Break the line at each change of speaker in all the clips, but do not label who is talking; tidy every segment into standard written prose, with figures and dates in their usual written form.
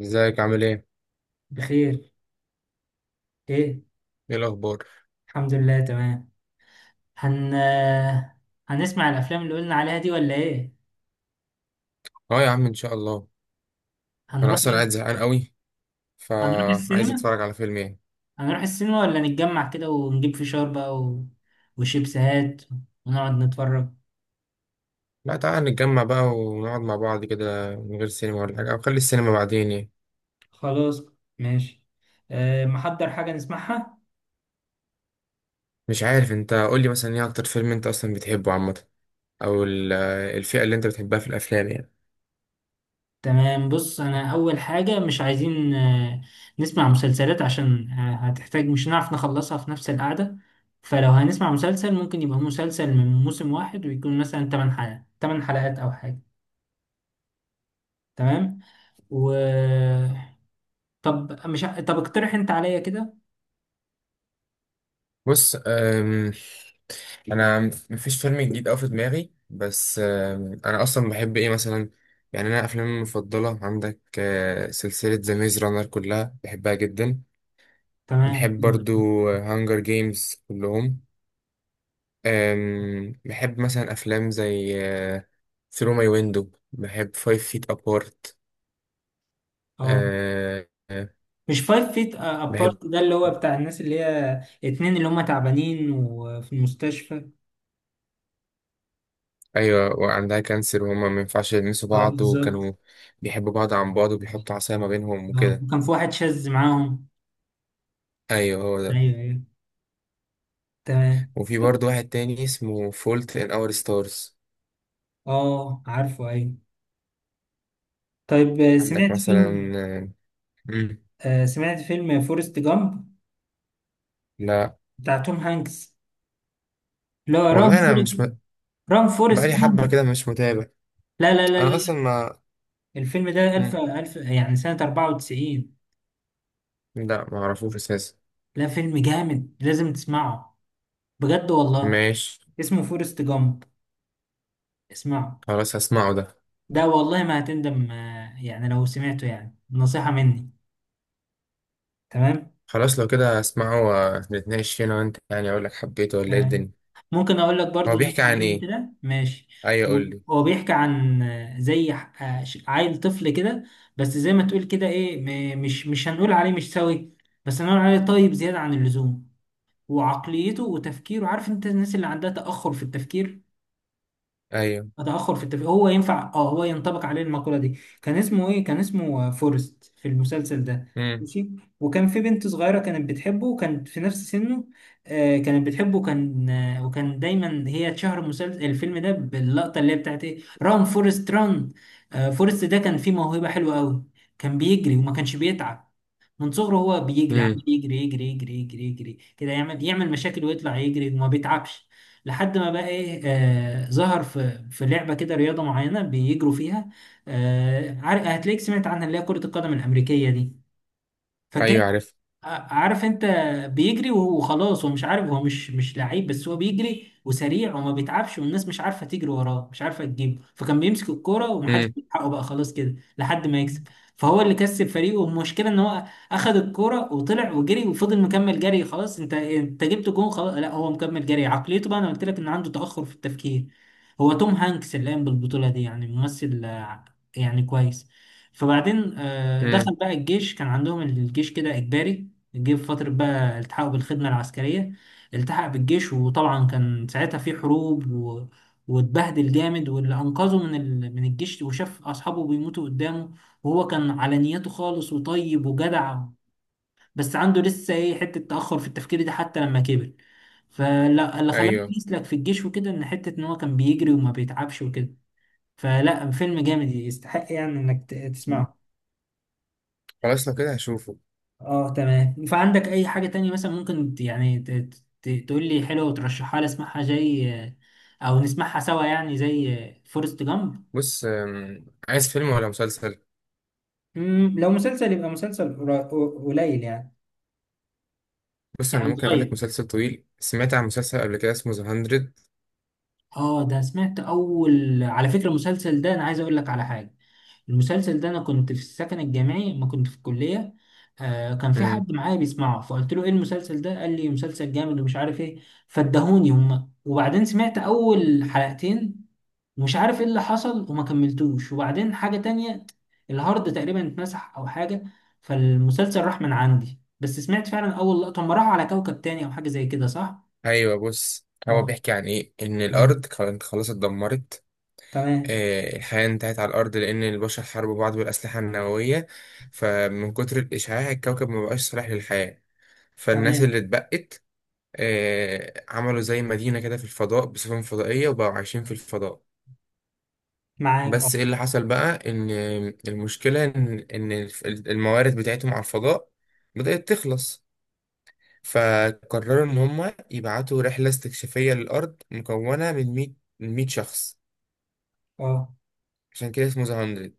ازيك عامل ايه؟
بخير. ايه
ايه الأخبار؟
الحمد لله تمام. هن هنسمع الافلام اللي قلنا عليها دي ولا ايه؟
اه يا عم، إن شاء الله. أنا
هنروح
أصلا قاعد زهقان قوي،
هنروح
فعايز
السينما.
أتفرج على فيلم ايه؟
هنروح السينما ولا نتجمع كده ونجيب فشار بقى وشيبسات ونقعد نتفرج.
لا تعالى نتجمع بقى ونقعد مع بعض كده من غير سينما ولا حاجة، أو خلي السينما بعدين يعني.
خلاص، ماشي. أه، محضر حاجة نسمعها.
مش عارف، أنت قولي مثلا ايه أكتر فيلم أنت أصلا بتحبه عامة، أو الفئة اللي أنت بتحبها في الأفلام يعني.
تمام، بص، انا اول حاجه مش عايزين نسمع مسلسلات، عشان هتحتاج مش هنعرف نخلصها في نفس القعده. فلو هنسمع مسلسل ممكن يبقى مسلسل من موسم واحد، ويكون مثلا 8 حلقات، 8 حلقات او حاجه. تمام. و طب مش ع- طب اقترح انت عليا كده.
بص، أنا مفيش فيلم جديد أوي في دماغي، بس أنا أصلا بحب ايه مثلا. يعني أنا أفلامي المفضلة عندك سلسلة ذا ميز رانر كلها بحبها جدا.
تمام
بحب
دلوقتي.
برضو هانجر جيمز كلهم. بحب مثلا أفلام زي ثرو ماي ويندو، بحب فايف فيت أبارت.
اه، مش فايف فيت
بحب.
ابارت ده اللي هو بتاع الناس اللي هي اتنين اللي هم تعبانين وفي المستشفى؟
أيوة، وعندها كانسر وهما ما ينفعش يلمسوا
اه
بعض،
بالظبط.
وكانوا بيحبوا بعض عن بعض وبيحطوا عصاية ما بينهم
اه،
وكده.
وكان في واحد شاذ معاهم.
أيوة هو ده.
ايوه، تمام.
وفي
ط-
برضو واحد تاني اسمه فولت إن أور ستارز.
اه عارفه، ايوه. طيب
عندك
سمعت
مثلا؟
فيلم
آه، مم.
سمعت فيلم فورست جامب
لا.
بتاع توم هانكس؟ لا ران
والله أنا
فورست،
مش
ران فورست
بقالي
ران.
حبة كده مش متابع.
لا لا لا لا
أنا
لا.
أصلا ما.
الفيلم ده ألف
مم.
ألف يعني سنة 94.
لا معرفوش اساسا.
لا فيلم جامد لازم تسمعه، بجد والله.
ماشي.
اسمه فورست جامب، اسمعه.
خلاص هسمعه ده.
ده والله ما هتندم، يعني لو سمعته يعني نصيحة مني. تمام.
خلاص لو كده هسمعه، ونتناقش فيه انا وانت يعني، اقول لك حبيته ولا ايه
تمام،
الدنيا.
ممكن اقول لك
هو
برضو نبذه
بيحكي عن
عنه
ايه؟
كده، ماشي؟
ايوه قول لي.
هو بيحكي عن زي عيل طفل كده، بس زي ما تقول كده ايه، مش هنقول عليه مش سوي، بس هنقول عليه طيب زياده عن اللزوم. وعقليته وتفكيره، عارف انت الناس اللي عندها تاخر في التفكير؟
ايوه.
تأخر في التفكير، هو ينفع، اه هو ينطبق عليه المقولة دي. كان اسمه ايه؟ كان اسمه فورست في المسلسل ده.
امم.
ماشي. وكان في بنت صغيرة كانت بتحبه، وكانت في نفس سنه. آه كانت بتحبه، وكان آه وكان دايما هي اتشهر المسلسل الفيلم ده باللقطة اللي هي بتاعت ايه، ران فورست ران. آه فورست ده كان فيه موهبة حلوة قوي، كان بيجري وما كانش بيتعب. من صغره هو بيجري، عمال
امم.
يجري يجري يجري يجري يجري كده، يعمل يعمل مشاكل ويطلع يجري وما بيتعبش. لحد ما بقى ايه، آه ظهر في لعبه كده، رياضه معينه بيجروا فيها. آه هتلاقيك سمعت عنها اللي هي كره القدم الامريكيه دي. فكان،
ايوه عارف.
عارف انت، بيجري وخلاص هو مش عارف، هو مش لعيب، بس هو بيجري وسريع وما بيتعبش، والناس مش عارفه تجري وراه، مش عارفه تجيبه، فكان بيمسك الكوره ومحدش
امم.
بيلحقه بقى، خلاص كده لحد ما يكسب. فهو اللي كسب فريقه، والمشكله ان هو اخذ الكوره وطلع وجري وفضل مكمل جري. خلاص انت جبت جون، خلاص. لا هو مكمل جري، عقليته بقى انا قلت لك ان عنده تاخر في التفكير. هو توم هانكس اللي قام بالبطوله دي، يعني ممثل يعني كويس. فبعدين
امم.
دخل بقى الجيش، كان عندهم الجيش كده اجباري. جه في فترة بقى التحقه بالخدمة العسكرية. التحق بالجيش، وطبعا كان ساعتها في حروب واتبهدل جامد، واللي أنقذه من الجيش، وشاف أصحابه بيموتوا قدامه، وهو كان على نيته خالص وطيب وجدع، بس عنده لسه إيه حتة تأخر في التفكير دي حتى لما كبر. فلا، اللي خلاه
ايوه.
يسلك في الجيش وكده إن حتة إن هو كان بيجري وما بيتعبش وكده. فلا فيلم جامد، يستحق يعني إنك تسمعه.
خلاص لو كده هشوفه.
اه تمام. فعندك اي حاجة تانية مثلا ممكن تقول لي حلوة وترشحها لي اسمعها، زي، او نسمعها سوا يعني زي فورست جامب.
بص، عايز فيلم ولا مسلسل؟
لو مسلسل يبقى مسلسل قليل يعني،
بص انا
يعني
ممكن اقول لك
صغير.
مسلسل طويل. سمعت عن مسلسل قبل كده اسمه ذا 100.
اه ده سمعت، اول على فكرة المسلسل ده انا عايز اقول لك على حاجة. المسلسل ده انا كنت في السكن الجامعي، ما كنت في الكلية. آه كان في
امم.
حد معايا بيسمعه، فقلت له ايه المسلسل ده، قال لي مسلسل جامد ومش عارف ايه. فادهوني هما، وبعدين سمعت اول حلقتين، ومش عارف ايه اللي حصل وما كملتوش، وبعدين حاجة تانية، الهارد تقريبا اتمسح او حاجة، فالمسلسل راح من عندي. بس سمعت فعلا اول لقطة هم راحوا على كوكب تاني او حاجة زي كده، صح؟
ايوه، بص هو
اه
بيحكي عن ايه ان
تمام،
الارض كانت خلاص اتدمرت.
تمام
الحياة انتهت على الأرض لأن البشر حاربوا بعض بالأسلحة النووية، فمن كتر الإشعاع الكوكب ما بقاش صالح للحياة. فالناس
تمام
اللي اتبقت عملوا زي مدينة كده في الفضاء بسفن فضائية، وبقوا عايشين في الفضاء.
معاك اه.
بس إيه اللي حصل بقى؟ إن المشكلة إن الموارد بتاعتهم على الفضاء بدأت تخلص. فقرروا إن هما يبعتوا رحلة استكشافية للأرض مكونة من 100 شخص.
اه،
عشان كده اسمه ذا.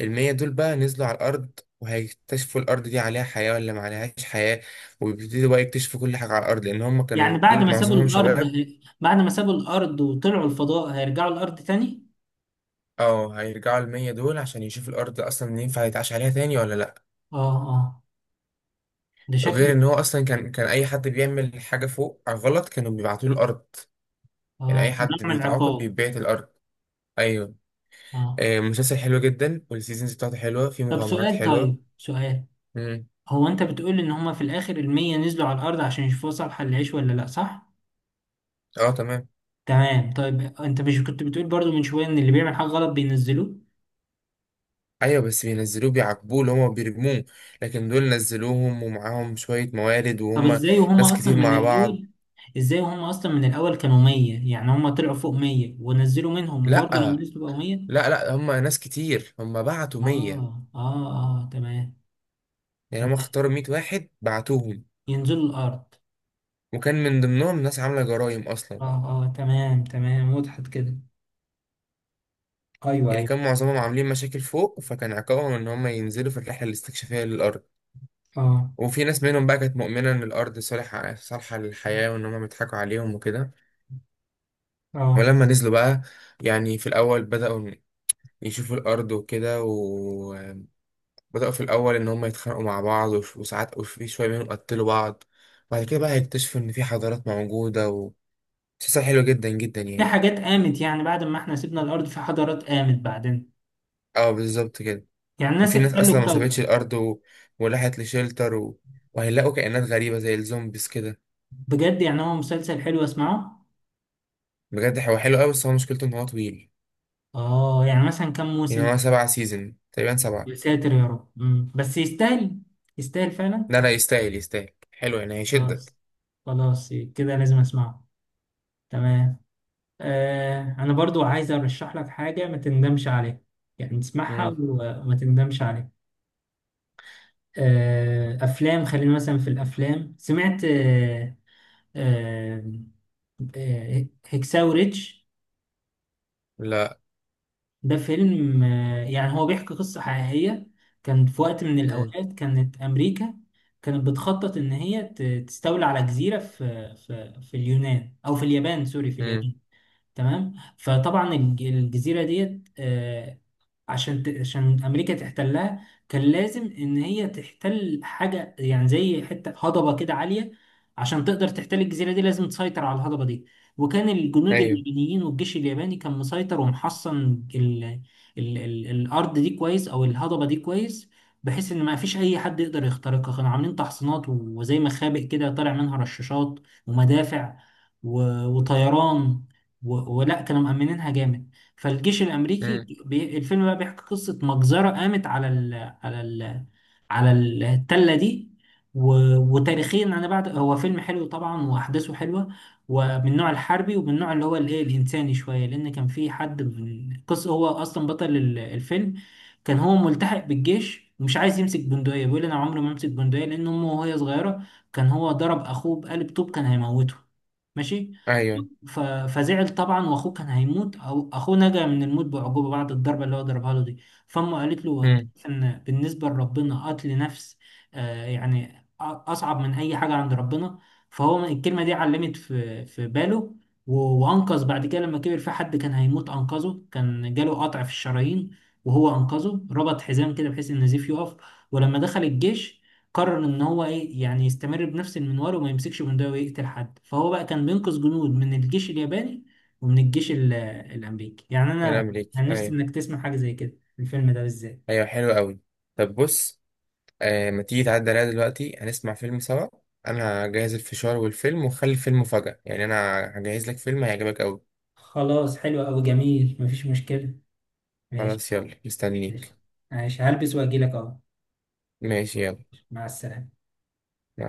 المية دول بقى نزلوا على الأرض، وهيكتشفوا الأرض دي عليها حياة ولا ما عليهاش حياة، ويبتدوا بقى يكتشفوا كل حاجة على الأرض، لأن هم كانوا
يعني بعد
دول
ما سابوا
معظمهم
الارض،
شباب.
بعد ما سابوا الارض وطلعوا الفضاء هيرجعوا الارض تاني؟
اه هيرجعوا المية دول عشان يشوفوا الأرض أصلا ينفع يتعاش عليها تاني ولا لأ.
اه اه، ده
غير
شكله.
إن هو أصلا كان أي حد بيعمل حاجة فوق غلط كانوا بيبعتوه الأرض. يعني أي
اه، كان نوع
حد
من
بيتعاقب
العقاب.
بيتبعت الأرض. أيوه.
اه.
مسلسل حلو جدا والسيزونز بتاعته حلوة، فيه
طب
مغامرات
سؤال،
حلوة.
طيب سؤال،
مم.
هو انت بتقول ان هما في الاخر المية نزلوا على الارض عشان يشوفوا صالحة للعيش ولا لا، صح؟
اه تمام.
تمام. طيب انت مش كنت بتقول برضو من شوية ان اللي بيعمل حاجة غلط بينزلوه؟
ايوه بس بينزلوه بيعاقبوه اللي هما بيرموه. لكن دول نزلوهم ومعاهم شوية موارد،
طب
وهم
ازاي
ناس
وهما اصلا
كتير
من
مع بعض.
الاول، ازاي وهما اصلا من الاول كانوا مية، يعني هما طلعوا فوق مية ونزلوا منهم،
لا
وبرضو لما نزلوا بقوا مية؟
لا لا، هم ناس كتير، هم بعتوا 100.
اه اه اه، تمام.
يعني هم
تمام،
اختاروا 100 واحد بعتوهم.
ينزلوا الارض.
وكان من ضمنهم ناس عاملة جرائم اصلا.
اه اه تمام تمام، وضحت كده. ايوه
يعني
ايوه
كان معظمهم عاملين مشاكل فوق، فكان عقابهم ان هم ينزلوا في الرحلة الاستكشافية للأرض.
اه
وفي ناس منهم بقى كانت مؤمنة ان الأرض صالحة صالحة للحياة وان هم بيضحكوا عليهم وكده.
اه.
ولما نزلوا بقى، يعني في الأول بدأوا يشوفوا الأرض وكده. وبدأوا في الأول إن هم يتخانقوا مع بعض وساعات وفي شوية منهم قتلوا بعض. بعد كده بقى هيكتشفوا إن في حضارات موجودة مسلسل حلو جدا جدا
في
يعني.
حاجات قامت، يعني بعد ما احنا سيبنا الارض في حضارات قامت بعدين؟
اه بالظبط كده.
يعني الناس
وفي ناس
احتلوا
أصلا ما سابتش
الكوكب.
الأرض وراحت لشيلتر وهيلاقوا كائنات غريبة زي الزومبيز كده.
بجد؟ يعني هو مسلسل حلو، اسمعه.
بجد هو حلو أوي، بس هو مشكلته إن هو طويل.
اه، يعني مثلا كم
يعني
موسم؟
هو 7 سيزون تقريبا، 7.
يا ساتر يا رب. بس يستاهل، يستاهل فعلا.
لا لا يستاهل يستاهل، حلو يعني هيشدك.
خلاص، خلاص، كده لازم اسمعه. تمام. آه انا برضو عايز ارشح لك حاجة ما تندمش عليها، يعني تسمعها
مم.
وما تندمش عليها. آه افلام، خلينا مثلا في الافلام، سمعت آه آه هكساو ريتش؟
لا.
ده فيلم يعني هو بيحكي قصة حقيقية. كان في وقت من
مم.
الأوقات كانت أمريكا كانت بتخطط إن تستولي على جزيرة في اليونان أو في اليابان، سوري في
مم.
اليابان. تمام. فطبعا الجزيرة ديت عشان عشان أمريكا تحتلها، كان لازم إن هي تحتل حاجة يعني زي حتة هضبة كده عالية. عشان تقدر تحتل الجزيرة دي لازم تسيطر على الهضبة دي. وكان الجنود
أيوه.
اليابانيين والجيش الياباني كان مسيطر ومحصن ال الأرض دي كويس، أو الهضبة دي كويس، بحيث إن ما فيش أي حد يقدر يخترقها. كانوا عاملين تحصينات وزي مخابئ كده طالع منها رشاشات ومدافع وطيران، ولا كانوا مأمنينها جامد. فالجيش الأمريكي
مم.
الفيلم بقى بيحكي قصة مجزرة قامت على ال... على التلة دي و... وتاريخيا. أنا بعد، هو فيلم حلو طبعا وأحداثه حلوة، ومن النوع الحربي، ومن النوع اللي هو الإيه الإنساني شوية، لأن كان في حد، من قصة هو أصلا بطل الفيلم. كان هو ملتحق بالجيش، ومش عايز يمسك بندقية، بيقول أنا عمري ما أمسك بندقية، لأن أمه وهي صغيرة كان هو ضرب أخوه بقلب طوب كان هيموته. ماشي.
أيوه.
ف- فزعل طبعا، واخوه كان هيموت، او اخوه نجا من الموت بعجوبه بعد الضربه اللي هو ضربها له دي. فامه قالت له انت
مم.
عارف ان بالنسبه لربنا قتل نفس، آه يعني اصعب من اي حاجه عند ربنا. فهو الكلمه دي علمت في باله. وانقذ بعد كده لما كبر، في حد كان هيموت انقذه، كان جاله قطع في الشرايين، وهو انقذه، ربط حزام كده بحيث ان النزيف يقف. ولما دخل الجيش، قرر ان هو ايه يعني يستمر بنفس المنوال وما يمسكش بندقية ويقتل حد. فهو بقى كان بينقذ جنود من الجيش الياباني ومن الجيش الامريكي. يعني
من
انا
الأمريكي
انا نفسي
أيوة.
انك تسمع حاجة زي كده، الفيلم ده بالذات.
أيوة حلو أوي. طب بص، آه ما تيجي تعدي عليا دلوقتي هنسمع فيلم سوا. أنا هجهز الفشار والفيلم، وخلي الفيلم مفاجأة، يعني أنا هجهز لك فيلم هيعجبك أوي.
خلاص حلو أوي، جميل، مفيش مشكلة، ماشي.
خلاص يلا
ماشي،
مستنيك.
ماشي، هلبس واجيلك اهو.
ماشي يلا.
مع السلامة.
مع